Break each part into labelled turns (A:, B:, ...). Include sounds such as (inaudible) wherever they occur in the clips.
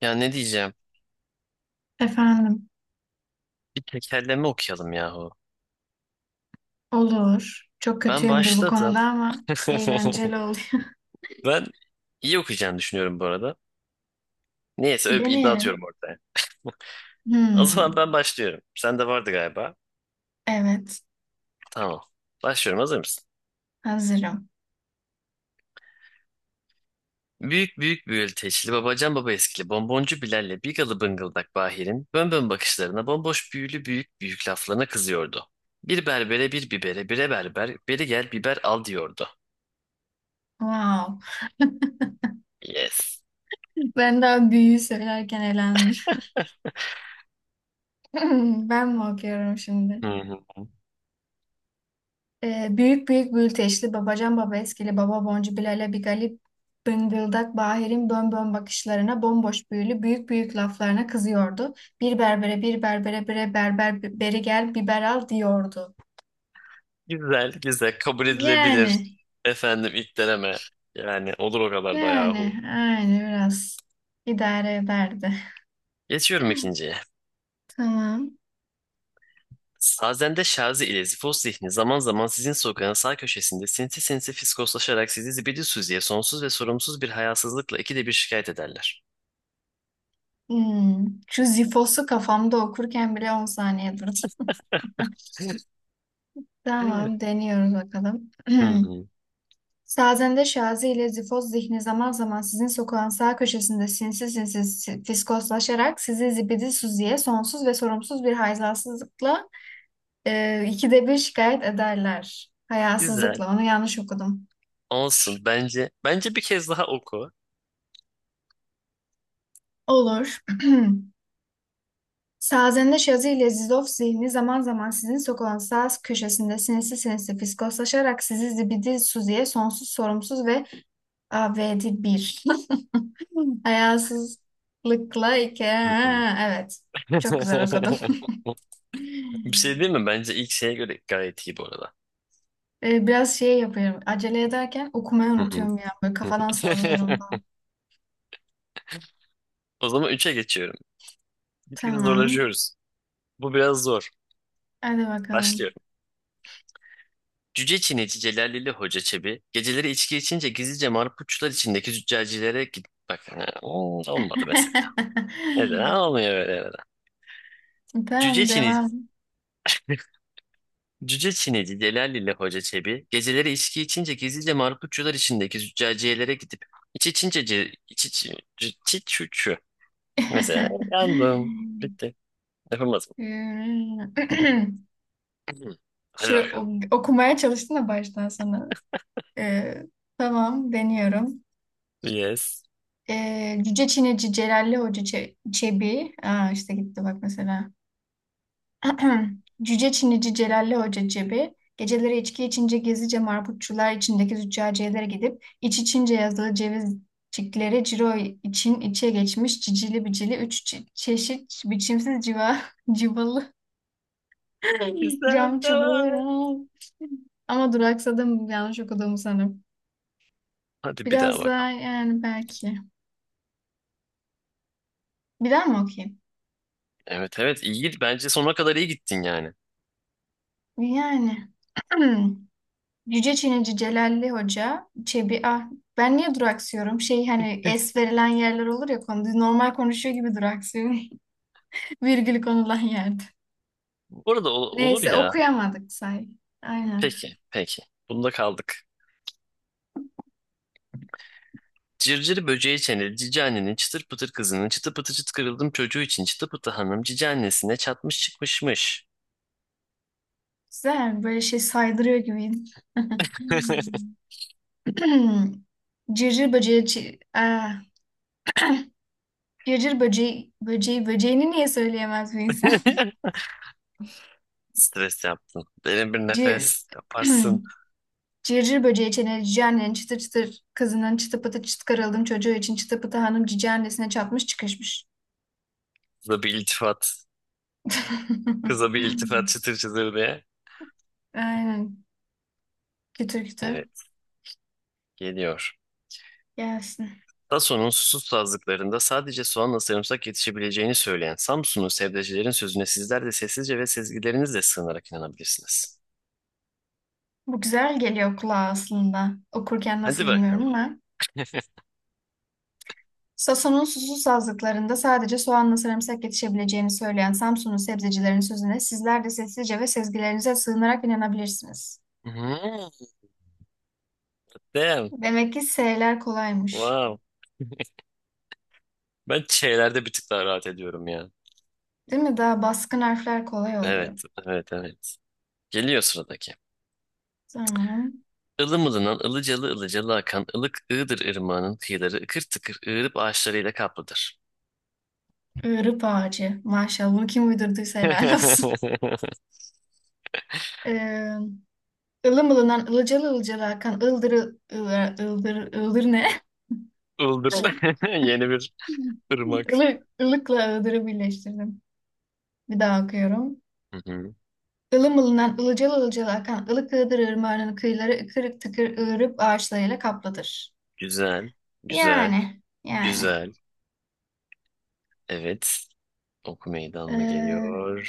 A: Ya ne diyeceğim?
B: Efendim,
A: Bir tekerleme okuyalım yahu.
B: olur. Çok
A: Ben
B: kötüyümdür bu konuda
A: başladım.
B: ama
A: (laughs)
B: eğlenceli oluyor.
A: Ben iyi okuyacağını düşünüyorum bu arada. Neyse
B: (laughs)
A: öyle bir iddia atıyorum
B: Deneyelim.
A: ortaya. (laughs) O zaman
B: Hmm,
A: ben başlıyorum. Sende vardı galiba.
B: evet,
A: Tamam. Başlıyorum, hazır mısın?
B: hazırım.
A: Büyük büyük büyülteçli babacan baba eskili bonboncu Bilal'le bigalı bıngıldak Bahir'in bön bön bakışlarına bomboş büyülü büyük büyük laflarına kızıyordu. Bir berbere bir bibere bire berber beri gel biber al diyordu.
B: Wow.
A: Yes.
B: Ben daha büyüğü söylerken eğlendim. (laughs) Ben mi okuyorum şimdi?
A: (laughs)
B: Büyük büyük bülteşli babacan baba eskili baba boncu Bilal'e bir galip bıngıldak Bahir'in bönbön bakışlarına bomboş büyülü büyük büyük laflarına kızıyordu. Bir berbere bir berbere bire berber beri gel biber al diyordu.
A: Güzel, güzel. Kabul edilebilir.
B: Yani
A: Efendim ilk deneme. Yani olur o kadar da yahu.
B: Yani aynı biraz idare ederdi.
A: Geçiyorum
B: (laughs)
A: ikinciye.
B: Tamam.
A: Sazende Şazi ile Zifos Zihni zaman zaman sizin sokağın sağ köşesinde sinsi sinsi fiskoslaşarak sizi zibidi süzüye sonsuz ve sorumsuz bir hayasızlıkla ikide bir şikayet ederler.
B: Hmm. Şu Zifos'u kafamda okurken bile 10 saniye durdum. (laughs)
A: (laughs) Hı
B: Tamam, deniyoruz bakalım. (clears throat)
A: hı.
B: Sazende Şazi ile Zifoz zihni zaman zaman sizin sokağın sağ köşesinde sinsi sinsi si- fiskoslaşarak sizi zibidi suziye sonsuz ve sorumsuz bir hayasızlıkla ikide bir şikayet ederler.
A: Güzel.
B: Hayasızlıkla, onu yanlış okudum.
A: Olsun. Bence bir kez daha oku.
B: Olur. (clears throat) Sazende Şazı ile Zizov zihni zaman zaman sizin sokulan saz köşesinde sinsi sinsi fiskoslaşarak sizi zibidi suziye sonsuz sorumsuz ve avedi bir. (laughs) Hayasızlıkla iki.
A: Hı hı.
B: Ha, evet. Çok güzel okudum.
A: (laughs) Bir şey değil mi? Bence ilk şeye göre gayet iyi bu arada.
B: Biraz şey yapıyorum. Acele ederken okumayı
A: Hı hı.
B: unutuyorum ya. Böyle kafadan sallıyorum
A: (laughs)
B: falan.
A: O zaman üçe geçiyorum. Gitgide
B: Tamam.
A: zorlaşıyoruz. Bu biraz zor.
B: Hadi
A: Başlıyor.
B: bakalım.
A: Cüce Çinici Celalili Hoca Çebi geceleri içki içince gizlice marpuçlar içindeki züccacilere git... Bak ha, olmadı mesela. Neden olmuyor böyle neden?
B: (laughs)
A: Cüce
B: Tamam
A: Çinici,
B: devam.
A: (laughs) Cüce Çinici Celalili Hoca Çebi geceleri içki içince gizlice marpuçlar içindeki züccaciyelere gidip iç içince ce, iç iç iç iç- şu şu. Mesela
B: (clears throat)
A: yandım. Bitti. Yapamaz mı?
B: (laughs)
A: (clears throat) Hadi
B: Şu
A: bakalım.
B: okumaya çalıştın da baştan sona. Ee, tamam deniyorum.
A: Yes.
B: Cüce Çinici Celalli Hoca Çe- Çebi. Aa, işte gitti bak mesela. (clears throat) Cüce Çinici Celalli Hoca Çebi. Geceleri içki içince gizlice marputçular içindeki züccaciyelere gidip iç içince yazılı cevizcikleri ciro için içe geçmiş cicili bicili üç çe- çeşit biçimsiz civa (laughs) civalı (laughs)
A: Güzel,
B: cam
A: devam.
B: çubuğu ama duraksadım yanlış okuduğumu sanırım.
A: Hadi bir daha
B: Biraz daha
A: bakalım.
B: yani belki. Bir daha mı okuyayım?
A: Evet evet iyi git. Bence sonuna kadar iyi gittin yani.
B: Yani. Hmm. Yüce Çinici Celalli Hoca, Çebi ah ben niye duraksıyorum? Şey hani es verilen yerler olur ya konu normal konuşuyor gibi duraksıyorum. (laughs) Virgül konulan yerde.
A: Bu arada ol- olur
B: Neyse
A: ya.
B: okuyamadık say. Aynen.
A: Peki peki. Bunda kaldık. Cırcır böceği çeneli cici annenin çıtır pıtır kızının çıtı pıtı çıt kırıldım çocuğu için çıtı pıtı hanım cici annesine çatmış çıkmışmış.
B: Güzel böyle şey saydırıyor gibiydi.
A: (laughs)
B: Hmm. (clears throat) Cırcır böceği cırcır böceği böceği böceğini niye söyleyemez bir insan?
A: Stres yaptın. Derin bir
B: (laughs)
A: nefes
B: Cır (clears throat)
A: yaparsın.
B: Cırcır böceği çeneli cici annenin çıtır çıtır kızının çıtı pıtı çıt karaldım çocuğu için çıtı pıtı hanım cici annesine çatmış çıkışmış.
A: Kıza bir iltifat.
B: (laughs)
A: Kıza bir iltifat çıtır çıtır diye.
B: Aynen. Kütür kütür
A: Evet geliyor.
B: gelsin.
A: Dassault'un susuz sazlıklarında sadece soğanla sarımsak yetişebileceğini söyleyen Samsunlu sebzecilerin sözüne sizler de sessizce ve sezgilerinizle sığınarak inanabilirsiniz.
B: Bu güzel geliyor kulağa aslında. Okurken nasıl
A: Hadi
B: bilmiyorum
A: bakalım.
B: ama. Sason'un susuz sazlıklarında sadece soğanla sarımsak yetişebileceğini söyleyen Samsun'un sebzecilerin sözüne sizler de sessizce ve sezgilerinize sığınarak inanabilirsiniz.
A: Hmm, damn.
B: Demek ki S'ler kolaymış.
A: Wow. Ben şeylerde bir tık daha rahat ediyorum ya.
B: Değil mi? Daha baskın harfler kolay oluyor.
A: Evet, evet, evet. Geliyor sıradaki.
B: Tamam.
A: Ilımılınan, ılıcalı ılıcalı akan ılık Iğdır ırmağının kıyıları ıkır tıkır ığırıp ağaçlarıyla kaplıdır.
B: Iğrıp ağacı. Maşallah bunu kim uydurduysa helal olsun. (laughs)
A: (laughs)
B: Ee, ılım ılınan ılıcalı ılıcalı akan ıldır ıldır ıldır ıldır ne?
A: Ildır.
B: (laughs)
A: (laughs) Yeni bir ırmak.
B: Ilık, ılıkla ıldırı birleştirdim. Bir daha okuyorum.
A: Hı hı.
B: Ilım ılınan ılıcalı ılıcalı akan ılık ığdır ırmağının kıyıları kırık tıkır ığırıp ağaçlarıyla kaplıdır.
A: Güzel, güzel.
B: Yani yani.
A: Güzel. Evet. Ok Meydanı'na
B: Ee...
A: geliyor.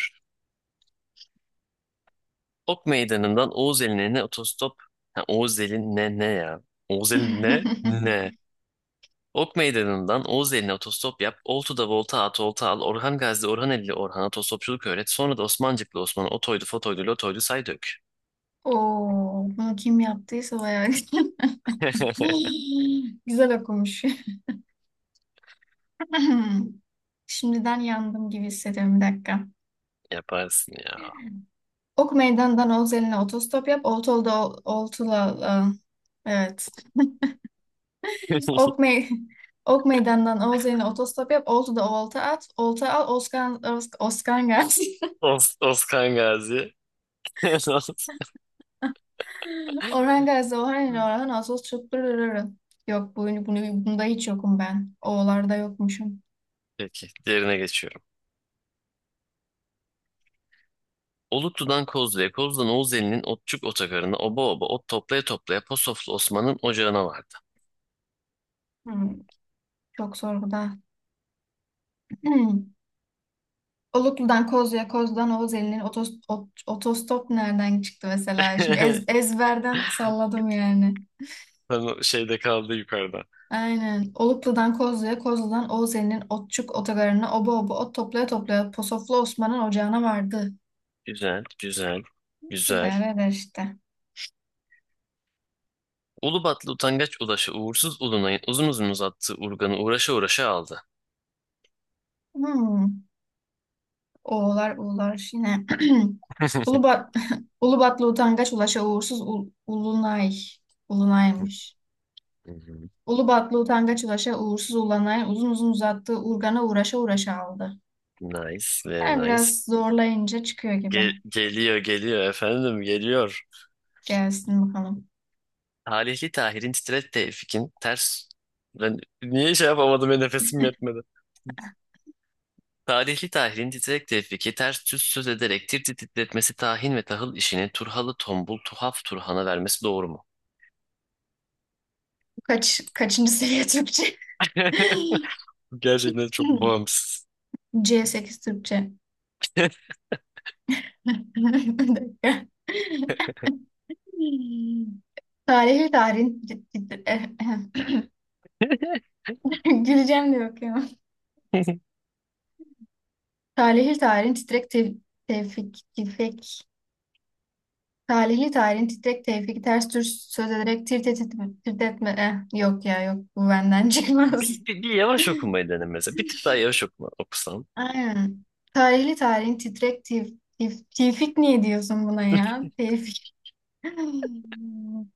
A: Ok Meydanı'ndan Oğuz Eline otostop. Ha, Oğuz Eline ne ne ya? Oğuz Elin ne
B: (laughs)
A: ne? Ok Meydanı'ndan Oğuz Eline otostop yap. Oltu'da volta at, olta al. Orhan Gazi'de Orhan Eli'li Orhan'a otostopçuluk öğret. Sonra da Osmancıklı Osman'a otoydu, fotoydu, lotoydu say dök.
B: Oo, bunu kim yaptıysa bayağı
A: (laughs)
B: (laughs) güzel okumuş. (laughs) Şimdiden yandım gibi hissediyorum bir dakika.
A: Yaparsın ya.
B: Ok Meydan'dan Oğuz otostop yap. Oltolu'da Oltula aa, evet.
A: (laughs)
B: Ok Mey (laughs) Ok Meydan'dan Oğuz otostop yap. Oltu'da olta at. Olta al. Oskan Gazi. (laughs)
A: Os Oskan Gazi. (laughs)
B: Orhan Gazi, Orhan ile Orhan Ağustos çok. Yok bu, bunu, bunda hiç yokum ben. O'larda yokmuşum.
A: Peki, diğerine geçiyorum. Oluklu'dan Kozlu'ya, Kozlu'dan Oğuzeli'nin Otçuk Otogarı'na, oba oba ot toplaya toplaya Posoflu Osman'ın ocağına vardı.
B: Hmm, çok zor bu da. (clears throat) Oluklu'dan Kozlu'ya, Kozlu'dan Oğuz Eli'nin otos- ot- otostop nereden çıktı mesela? Şimdi
A: (laughs)
B: ezberden salladım yani.
A: Tam şeyde kaldı yukarıda.
B: Aynen. Oluklu'dan Kozlu'ya, Kozlu'dan Oğuz Eli'nin otçuk otogarına oba oba ot toplaya toplaya Posoflu Osman'ın ocağına vardı.
A: Güzel, güzel,
B: Bir de
A: güzel.
B: öyle işte.
A: Ulubatlı utangaç ulaşı uğursuz ulunayın uzun uzun uzattığı urganı uğraşa uğraşa aldı.
B: Hmm. Oğlar uğlar yine. (clears throat)
A: (laughs)
B: Ulubat (laughs) Ulubatlı utangaç ulaşa uğursuz ul- ulunay. Ulunaymış.
A: Hı hı.
B: Ulubatlı utangaç ulaşa uğursuz ulanay uzun uzun uzattığı urgana uğraşa uğraşa aldı.
A: Nice, very
B: Yani
A: nice.
B: biraz zorlayınca çıkıyor gibi.
A: Geliyor, geliyor efendim, geliyor.
B: Gelsin bakalım.
A: Talihli Tahir'in titret Tevfik'in ters... Ben niye şey yapamadım ya, nefesim yetmedi. Talihli Tahil'in titrek Tevfik'i ters düz söz ederek tir titretmesi tahin ve tahıl işini Turhalı tombul tuhaf Turhan'a vermesi doğru mu?
B: Kaç, kaçıncı seviye Türkçe?
A: (laughs)
B: (laughs)
A: Gerçekten çok bağımsız.
B: C8 Türkçe.
A: (laughs)
B: (laughs) Bir dakika. (laughs) Tarihi tarihin tit- tit- eh. (laughs) Güleceğim de bakıyorum. Tarihi tarihin titrek tevfik tevfik. Tarihi tarihin titrek tevfik ters tür söz ederek tirt etme. Eh, yok ya yok bu benden (laughs) çıkmaz.
A: Bir yavaş okumayı dene mesela. Bir tık daha yavaş okuma, okusan.
B: Aynen. Tarihli tarihin titrek tifik niye diyorsun buna ya? Tevfik. (laughs)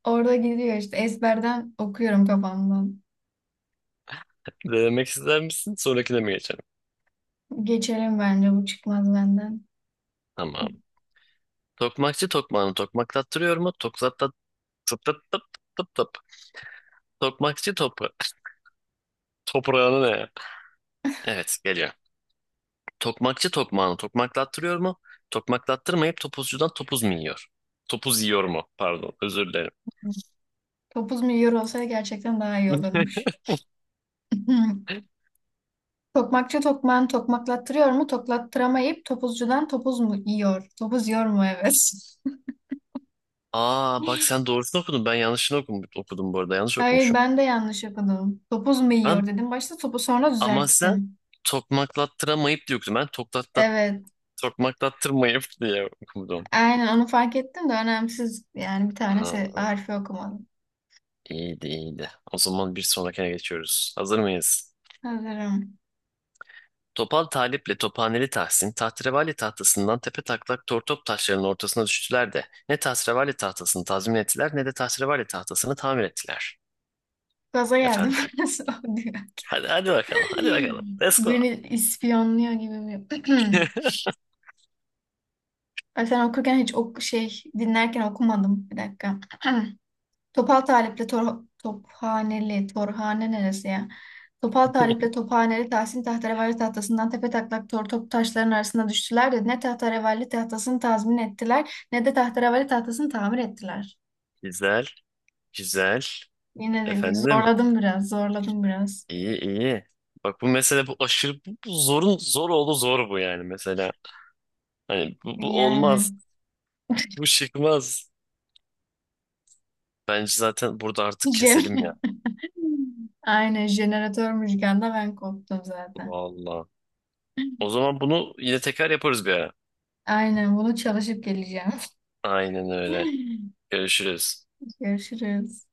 B: Orada gidiyor işte ezberden okuyorum kafamdan.
A: Denemek ister misin? Sonrakine mi geçelim?
B: Geçelim bence bu çıkmaz benden.
A: Tamam. Tokmakçı tokmağını tokmaklattırıyor mu? Tokzat tıp tıp tıp tıp tıp. Tokmakçı topra... (laughs) Toprağını ne ya? Evet geliyor. Tokmakçı tokmağını tokmaklattırıyor mu? Tokmaklattırmayıp topuzcudan topuz mu yiyor? Topuz yiyor mu? Pardon, özür dilerim.
B: Topuz milyon olsa gerçekten daha iyi olurmuş.
A: (laughs)
B: (laughs) Tokmakçı tokmağını tokmaklattırıyor mu? Toklattıramayıp topuzcudan topuz mu yiyor? Topuz yiyor mu? Evet. (laughs)
A: Aa bak sen doğrusunu okudun. Ben yanlışını okum, okudum bu arada. Yanlış
B: Hayır
A: okumuşum.
B: ben de yanlış okudum. Topuz mu
A: Ben
B: yiyor dedim. Başta topu sonra
A: ama sen
B: düzelttim.
A: tokmaklattıramayıp diye okudun. Ben toklatta,
B: Evet.
A: tokmaklattırmayıp diye okudum.
B: Aynen onu fark ettim de önemsiz. Yani bir tane se-
A: Aa,
B: harfi okumadım.
A: iyiydi iyiydi. O zaman bir sonrakine geçiyoruz. Hazır mıyız?
B: Hazırım.
A: Topal Talip'le Tophaneli Tahsin, tahterevalli tahtasından tepe taklak tortop taşlarının ortasına düştüler de ne tahterevalli tahtasını tazmin ettiler ne de tahterevalli tahtasını tamir ettiler.
B: Gaza geldim.
A: Efendim.
B: (laughs) Nasıl oluyor?
A: Hadi hadi bakalım, hadi bakalım. Let's go.
B: Beni ispiyonluyor gibi mi? (clears throat) Ay, sen okurken hiç şey dinlerken okumadım. Bir dakika. (clears throat) Topal Talip'le Tor Tophaneli, Torhane neresi ya? Topal Talip'le
A: (laughs)
B: Tophaneli Tahsin Tahterevalli tahtasından tepe taklak tor top taşların arasında düştüler de ne Tahterevalli tahtasını tazmin ettiler ne de Tahterevalli tahtasını tamir ettiler.
A: Güzel, güzel.
B: Yine de
A: Efendim,
B: zorladım biraz, zorladım biraz.
A: iyi iyi. Bak bu mesele bu aşırı bu zorun zor oldu zor bu yani mesela. Hani bu olmaz.
B: Yani.
A: Bu çıkmaz. Bence zaten burada
B: (laughs)
A: artık keselim ya.
B: Jen- Aynen jeneratör müzikanda ben koptum zaten.
A: Vallahi. O
B: (laughs)
A: zaman bunu yine tekrar yaparız bir ara.
B: Aynen bunu çalışıp geleceğim.
A: Aynen öyle.
B: (laughs)
A: Görüşürüz.
B: Görüşürüz.